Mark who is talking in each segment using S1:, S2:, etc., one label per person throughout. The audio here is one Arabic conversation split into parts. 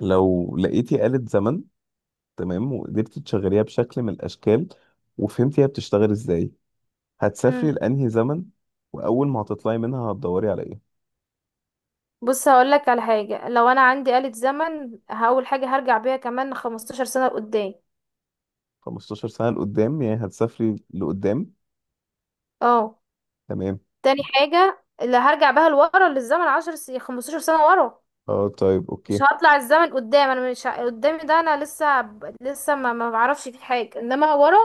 S1: لو لقيتي آلة زمن، تمام، وقدرتي تشغليها بشكل من الأشكال، وفهمتي هي بتشتغل إزاي، هتسافري
S2: مم.
S1: لأنهي زمن؟ وأول ما هتطلعي منها هتدوري على إيه؟
S2: بص هقول لك على حاجه، لو انا عندي آلة زمن هقول حاجه هرجع بيها كمان 15 سنه لقدام.
S1: 15 سنة لقدام يعني هتسافري لقدام.
S2: اه،
S1: تمام.
S2: تاني حاجه اللي هرجع بيها لورا للزمن 10 15 سنه ورا.
S1: اه طيب
S2: مش
S1: أوكي.
S2: هطلع الزمن قدام، انا مش قدامي ده، انا لسه لسه ما بعرفش فيه حاجه، انما ورا.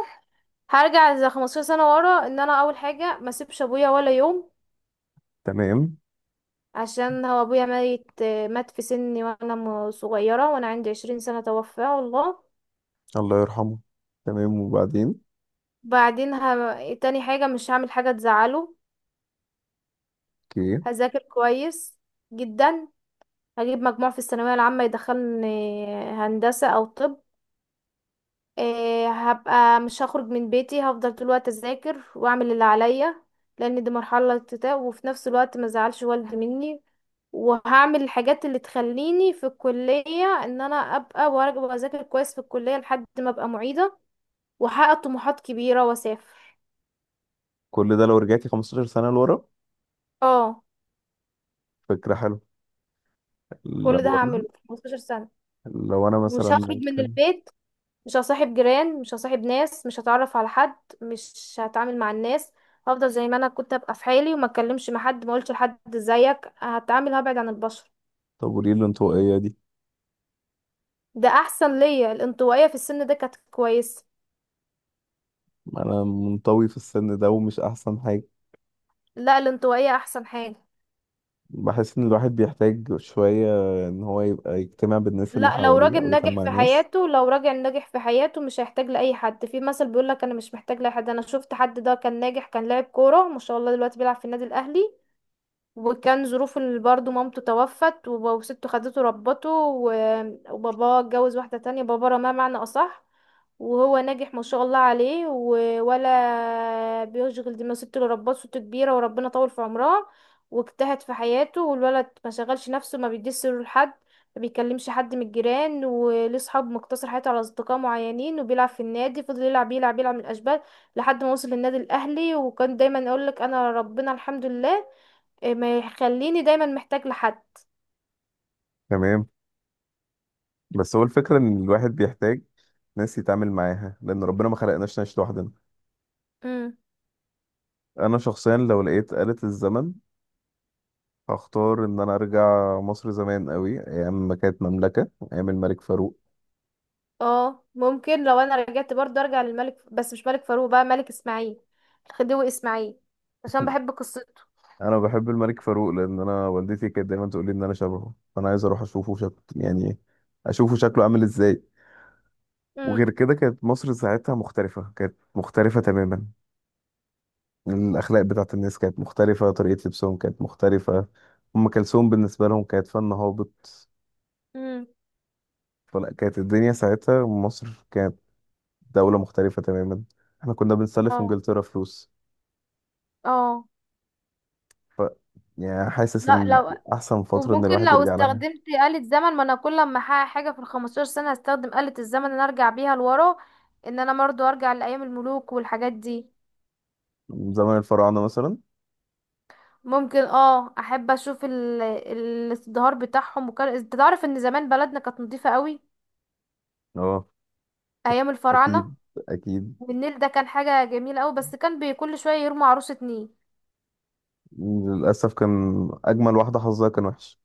S2: هرجع زي 15 سنه ورا، ان انا اول حاجه ما اسيبش ابويا ولا يوم،
S1: تمام.
S2: عشان هو ابويا ميت. مات في سني وانا صغيره، وانا عندي 20 سنه توفاه والله.
S1: الله يرحمه. تمام وبعدين.
S2: بعدين تاني حاجة مش هعمل حاجة تزعله.
S1: أوكي.
S2: هذاكر كويس جدا. هجيب مجموع في الثانوية العامة يدخلني هندسة أو طب. إيه، هبقى مش هخرج من بيتي، هفضل طول الوقت أذاكر وأعمل اللي عليا، لأن دي مرحلة اكتئاب، وفي نفس الوقت ما زعلش والدي مني. وهعمل الحاجات اللي تخليني في الكلية ان انا ابقى وارجع واذاكر كويس في الكلية لحد ما ابقى معيدة، واحقق طموحات كبيرة واسافر.
S1: كل ده لو رجعتي 15 سنة لورا؟
S2: اه،
S1: فكرة حلوة.
S2: كل ده
S1: لو
S2: هعمله
S1: أنا
S2: في 15 سنة.
S1: لو أنا مثلا
S2: مش هخرج من
S1: ممكن.
S2: البيت، مش هصاحب جيران، مش هصاحب ناس، مش هتعرف على حد، مش هتعامل مع الناس. هفضل زي ما انا كنت ابقى في حالي، وما اتكلمش مع حد، ما اقولش لحد زيك، هتعامل هبعد عن البشر.
S1: طب وليه الانطوائية دي؟
S2: ده احسن ليا، الانطوائيه في السن ده كانت كويسه.
S1: ما أنا منطوي في السن ده ومش أحسن.
S2: لا، الانطوائيه احسن حاجه.
S1: بحس ان الواحد بيحتاج شوية ان هو يبقى يجتمع بالناس اللي
S2: لا، لو
S1: حواليه
S2: راجل
S1: او
S2: ناجح
S1: يجمع
S2: في
S1: ناس.
S2: حياته، لو راجل ناجح في حياته مش هيحتاج لاي حد، في مثل بيقول لك انا مش محتاج لاي حد، انا شفت حد ده كان ناجح، كان لاعب كوره ما شاء الله، دلوقتي بيلعب في النادي الاهلي. وكان ظروفه اللي برضه مامته توفت، وسته خدته ربته، وباباه اتجوز واحدة تانية، بابا رماه معنى أصح. وهو ناجح ما شاء الله عليه، ولا بيشغل دماغه، ست اللي ربته ست كبيرة، وربنا طول في عمرها. واجتهد في حياته، والولد ما شغلش نفسه، ما بيديش سره لحد، ما بيكلمش حد من الجيران، وليه صحاب مقتصر حياته على أصدقاء معينين، وبيلعب في النادي فضل يلعب يلعب يلعب من الأشبال لحد ما وصل للنادي الأهلي. وكان دايما أقول لك أنا ربنا الحمد لله. إيه، ما يخليني دايما محتاج لحد.
S1: تمام. بس هو الفكرة ان الواحد بيحتاج ناس يتعامل معاها، لان ربنا ما خلقناش نعيش لوحدنا.
S2: امم
S1: انا شخصيا لو لقيت آلة الزمن هختار ان انا ارجع مصر زمان قوي، ايام ما كانت مملكة، ايام الملك فاروق.
S2: اه، ممكن لو انا رجعت برضه ارجع للملك، بس مش ملك فاروق بقى، ملك اسماعيل، الخديوي اسماعيل، عشان بحب قصته.
S1: انا بحب الملك فاروق لان انا والدتي كانت دايما تقول لي ان انا شبهه، فانا عايز اروح اشوفه شكل يعني، اشوفه شكله عامل ازاي.
S2: امم
S1: وغير كده كانت مصر ساعتها مختلفة، كانت مختلفة تماما. الأخلاق بتاعت الناس كانت مختلفة، طريقة لبسهم كانت مختلفة. أم كلثوم بالنسبة لهم كانت فن هابط.
S2: امم
S1: فلا، كانت الدنيا ساعتها مصر كانت دولة مختلفة تماما. احنا كنا بنسلف
S2: اه،
S1: إنجلترا فلوس.
S2: اه،
S1: ف يعني حاسس
S2: لا
S1: إن
S2: لو
S1: دي أحسن فترة إن
S2: وممكن
S1: الواحد
S2: لو
S1: يرجع لها.
S2: استخدمت آلة زمن، ما انا كل ما احقق حاجة في الـ15 سنة هستخدم آلة الزمن ان أنا ارجع بيها لورا، ان انا برضو ارجع لايام الملوك والحاجات دي.
S1: من زمن الفراعنة مثلا.
S2: ممكن اه، احب اشوف الازدهار بتاعهم، وكان انت تعرف ان زمان بلدنا كانت نضيفة قوي.
S1: اه
S2: ايام الفراعنه.
S1: أكيد، أكيد.
S2: والنيل ده كان حاجه جميله قوي، بس كان كل شويه يرموا عروسه نيل.
S1: للأسف كان أجمل واحدة حظها كان وحش.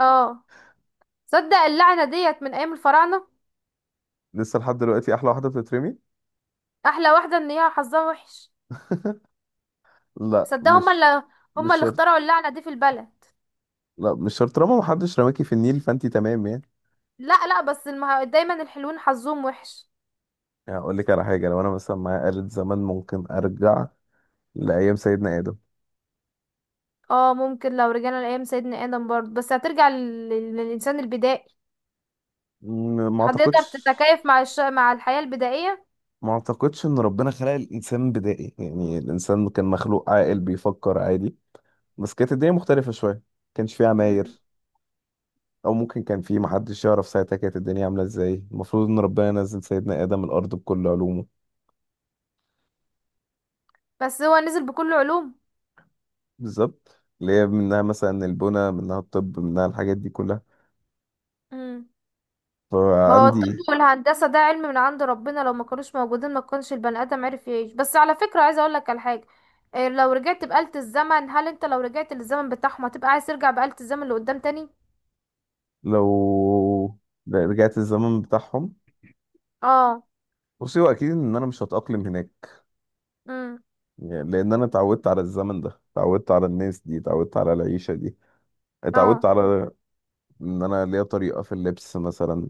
S2: اه، صدق اللعنه ديت من ايام الفراعنه.
S1: لسه لحد دلوقتي أحلى واحدة بتترمي.
S2: احلى واحده ان هي حظها وحش.
S1: لا،
S2: صدق هما
S1: مش
S2: اللي هما
S1: مش
S2: اللي
S1: شرط.
S2: اخترعوا اللعنه دي في البلد.
S1: لا مش شرط، طالما محدش رماكي في النيل فأنتي تمام يعني.
S2: لا لا، بس دايما الحلوين حظهم وحش.
S1: اقول لك على حاجه، لو انا مثلا معايا آلة زمان ممكن ارجع لايام سيدنا ادم.
S2: اه، ممكن لو رجعنا لايام سيدنا ادم برضه، بس هترجع للانسان البدائي.
S1: ما
S2: هتقدر
S1: اعتقدش.
S2: تتكيف مع مع الحياه البدائيه.
S1: ما اعتقدش ان ربنا خلق الانسان بدائي، يعني الانسان كان مخلوق عاقل بيفكر عادي، بس كانت الدنيا مختلفه شويه. كانش فيه
S2: مم.
S1: عماير. او ممكن كان فيه، محدش يعرف ساعتها كانت الدنيا عامله ازاي. المفروض ان ربنا نزل سيدنا ادم الارض بكل علومه.
S2: بس هو نزل بكل علوم.
S1: بالظبط، اللي هي منها مثلا البنى، منها الطب، منها الحاجات دي كلها.
S2: مم. ما هو الطب
S1: فعندي،
S2: والهندسة ده علم من عند ربنا، لو ما كانوش موجودين ما كانش البني آدم عرف يعيش، بس على فكرة عايزة اقولك على حاجة. إيه، لو رجعت بآلة الزمن هل انت لو رجعت للزمن بتاعهم هتبقى عايز ترجع بآلة الزمن لقدام تاني؟
S1: لو رجعت الزمن بتاعهم،
S2: اه.
S1: بصي هو اكيد ان انا مش هتاقلم هناك.
S2: امم
S1: يعني لان انا اتعودت على الزمن ده، اتعودت على الناس دي، اتعودت على العيشه دي، اتعودت
S2: اه.
S1: على ان انا ليا طريقه في اللبس مثلا.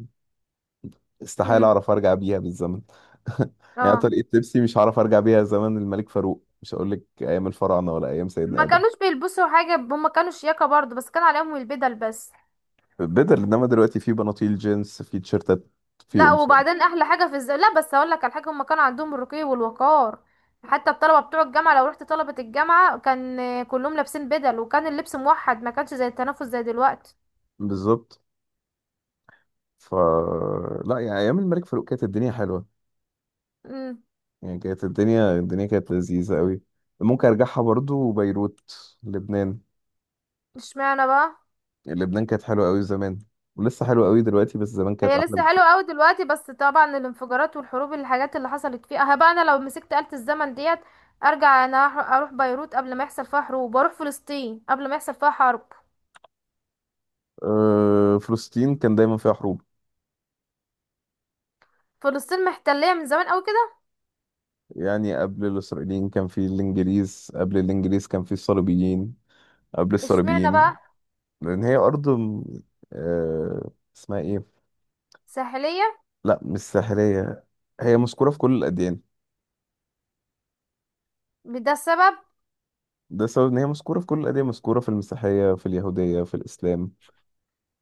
S1: استحاله
S2: امم
S1: اعرف ارجع بيها بالزمن. يعني
S2: اه.
S1: طريقه لبسي مش هعرف ارجع بيها زمن الملك فاروق، مش هقول لك ايام الفراعنه ولا ايام سيدنا
S2: ما
S1: ادم.
S2: كانوش بيلبسوا حاجة، هم كانوا شياكة برضو، بس كان عليهم البدل بس.
S1: بدل، انما دلوقتي في بناطيل جينز، في تيشرتات، في
S2: لا
S1: قمصان.
S2: وبعدين احلى حاجه في لا بس اقول لك على حاجه، هم كان عندهم الرقي والوقار. حتى الطلبه بتوع الجامعه، لو رحت طلبه الجامعه كان آه، كلهم لابسين بدل، وكان اللبس موحد، ما كانش زي التنافس زي دلوقتي.
S1: بالظبط. ف لا يعني ايام الملك فاروق كانت الدنيا حلوه.
S2: امم
S1: يعني كانت الدنيا كانت لذيذة قوي. ممكن ارجعها برضو بيروت، لبنان.
S2: اشمعنى بقى؟
S1: يعني لبنان كانت حلوة قوي زمان، ولسه حلوة قوي دلوقتي، بس زمان كانت
S2: هي
S1: احلى
S2: لسه
S1: بكتير.
S2: حلوه قوي دلوقتي، بس طبعا الانفجارات والحروب الحاجات اللي حصلت فيها، ها بقى انا لو مسكت آلة الزمن ديت، ارجع انا اروح بيروت قبل ما يحصل فيها حروب، واروح فلسطين قبل ما يحصل فيها حرب.
S1: أه، فلسطين كان دايما فيها حروب.
S2: فلسطين محتليه من زمان قوي كده.
S1: يعني قبل الاسرائيليين كان في الانجليز، قبل الانجليز كان في الصليبيين، قبل
S2: اشمعنى
S1: الصليبيين.
S2: بقى؟
S1: لان هي ارض أه اسمها ايه؟
S2: ساحليه.
S1: لا مش ساحلية، هي مذكورة في كل الاديان.
S2: ده السبب.
S1: ده سبب ان هي مذكورة في كل الاديان، مذكورة في المسيحية، في اليهودية، في الاسلام.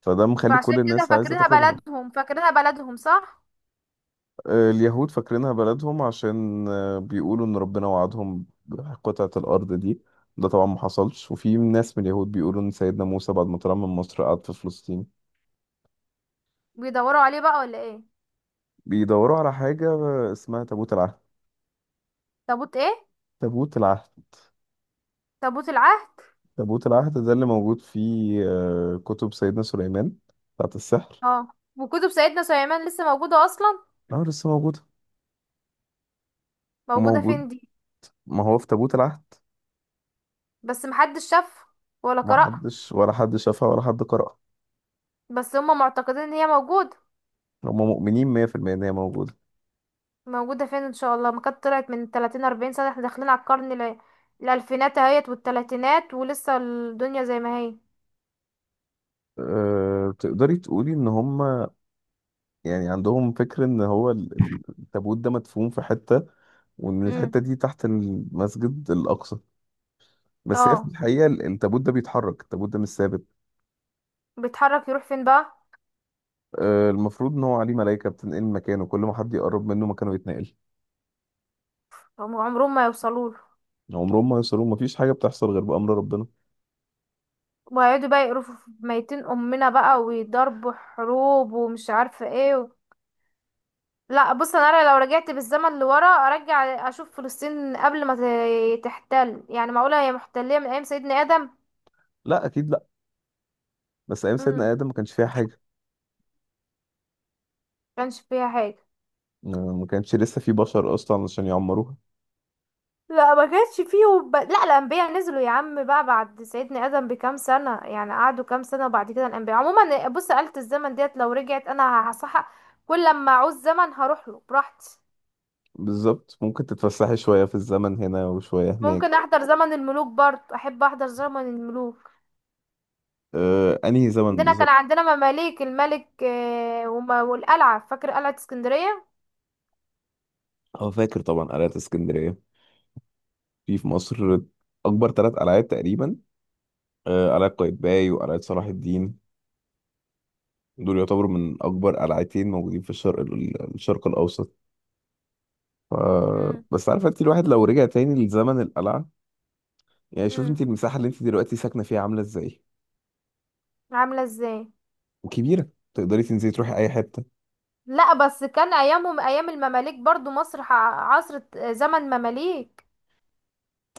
S1: فده مخلي كل
S2: فعشان كده
S1: الناس عايزة
S2: فاكرينها
S1: تاخدها.
S2: بلدهم، فاكرينها بلدهم، صح.
S1: آه، اليهود فاكرينها بلدهم عشان آه، بيقولوا إن ربنا وعدهم بقطعة الأرض دي. ده طبعا ما حصلش. وفي ناس من اليهود بيقولوا إن سيدنا موسى بعد ما طلع من مصر قعد في فلسطين.
S2: بيدوروا عليه بقى ولا ايه؟
S1: بيدوروا على حاجة آه، اسمها تابوت العهد.
S2: تابوت ايه؟
S1: تابوت العهد.
S2: تابوت العهد.
S1: تابوت العهد ده اللي موجود في آه، كتب سيدنا سليمان بتاعت السحر.
S2: اه، وكتب سيدنا سليمان لسه موجودة اصلا؟
S1: اه لسه موجود.
S2: موجودة
S1: وموجود،
S2: فين دي؟
S1: ما هو في تابوت العهد.
S2: بس محدش شافها ولا
S1: ما
S2: قرأها.
S1: حدش، ولا حد شافها ولا حد قرأها.
S2: بس هم معتقدين ان هي موجودة.
S1: هم مؤمنين 100% إن هي موجودة.
S2: موجودة فين؟ ان شاء الله ما كانت طلعت من 30 40 سنة، احنا داخلين على القرن الالفينات اهيت والتلاتينات، ولسه الدنيا زي ما هي.
S1: أه، تقدري تقولي ان هم يعني عندهم فكر ان هو التابوت ده مدفون في حتة، وان
S2: امم
S1: الحتة دي تحت المسجد الاقصى. بس هي في
S2: اه.
S1: الحقيقة التابوت ده بيتحرك، التابوت ده مش ثابت.
S2: بيتحرك يروح فين بقى؟
S1: أه، المفروض ان هو عليه ملائكة بتنقل مكانه، كل ما حد يقرب منه مكانه يتنقل.
S2: هم عمرهم ما يوصلوا.
S1: عمرهم ما يوصلوا، مفيش حاجة بتحصل غير بأمر ربنا.
S2: وهيقعدوا بقى يقرفوا في ميتين امنا بقى، ويضربوا حروب، ومش عارفه ايه و... لا، بص انا لو رجعت بالزمن لورا ارجع اشوف فلسطين قبل ما تحتل، يعني معقوله هي محتليه من ايام سيدنا ادم؟
S1: لا اكيد لا، بس ايام
S2: امم
S1: سيدنا آدم ما كانش فيها حاجة.
S2: كانش فيها حاجه.
S1: أه، ما كانش لسه في بشر اصلا عشان يعمروها.
S2: لا ما كانش فيه لا الانبياء نزلوا يا عم بقى بعد سيدنا ادم بكام سنه، يعني قعدوا كام سنه، وبعد كده الانبياء عموما، بص آلة الزمن ديت لو رجعت انا هصحى كل لما اعوز زمن هروح له براحتي.
S1: بالظبط. ممكن تتفسحي شوية في الزمن هنا وشوية
S2: ممكن
S1: هناك.
S2: احضر زمن الملوك برضه، احب احضر زمن الملوك.
S1: أه، انهي زمن
S2: عندنا كان
S1: بالظبط؟
S2: عندنا مماليك الملك آه، والقلعة فاكر قلعة اسكندرية.
S1: اه فاكر طبعا قلعة اسكندرية. في مصر أكبر ثلاث قلعات تقريبا. آه، قلعة قايتباي وقلعة صلاح الدين. دول يعتبروا من أكبر قلعتين موجودين في الشرق الشرق الأوسط. ف...
S2: امم
S1: بس عارفة أنت، الواحد لو رجع تاني لزمن القلعة، يعني شوف
S2: امم
S1: أنت المساحة اللي أنت دلوقتي ساكنة فيها عاملة إزاي؟
S2: عاملة ازاي؟
S1: وكبيرة، تقدري تنزلي تروحي أي حتة.
S2: لا بس كان ايامهم ايام المماليك برضه مصر عصر زمن مماليك.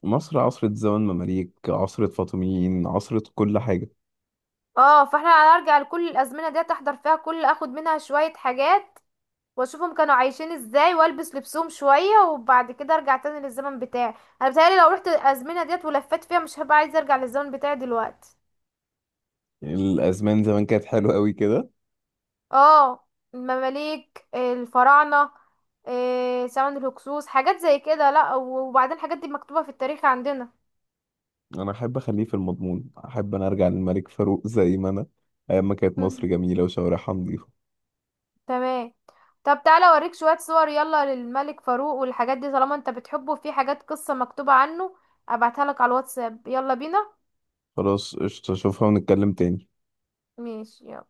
S1: مصر عصرة زمن مماليك، عصرة فاطميين، عصرة كل حاجة.
S2: اه، فاحنا هنرجع لكل الازمنة دي احضر فيها، كل اخد منها شوية حاجات، واشوفهم كانوا عايشين ازاي، والبس لبسهم شوية، وبعد كده ارجع تاني للزمن بتاعي. انا بتهيألي لو رحت الازمنة ديت ولفت فيها مش هبقى عايزة ارجع للزمن بتاعي دلوقتي.
S1: يعني الأزمان زمان كانت حلوة أوي كده.
S2: اه، المماليك الفراعنة، آه، زمن الهكسوس حاجات زي كده، لا وبعدين الحاجات دي مكتوبة في التاريخ عندنا.
S1: انا احب اخليه في المضمون، احب انا ارجع للملك فاروق زي ما انا، ايام ما كانت مصر
S2: مم.
S1: جميله وشوارعها نظيفه.
S2: تمام. طب تعالى اوريك شوية صور يلا للملك فاروق والحاجات دي، طالما انت بتحبه في حاجات قصة مكتوبة عنه، ابعتها لك على الواتساب، يلا بينا.
S1: خلاص قشطه، اشوفها ونتكلم تاني.
S2: ماشي يلا.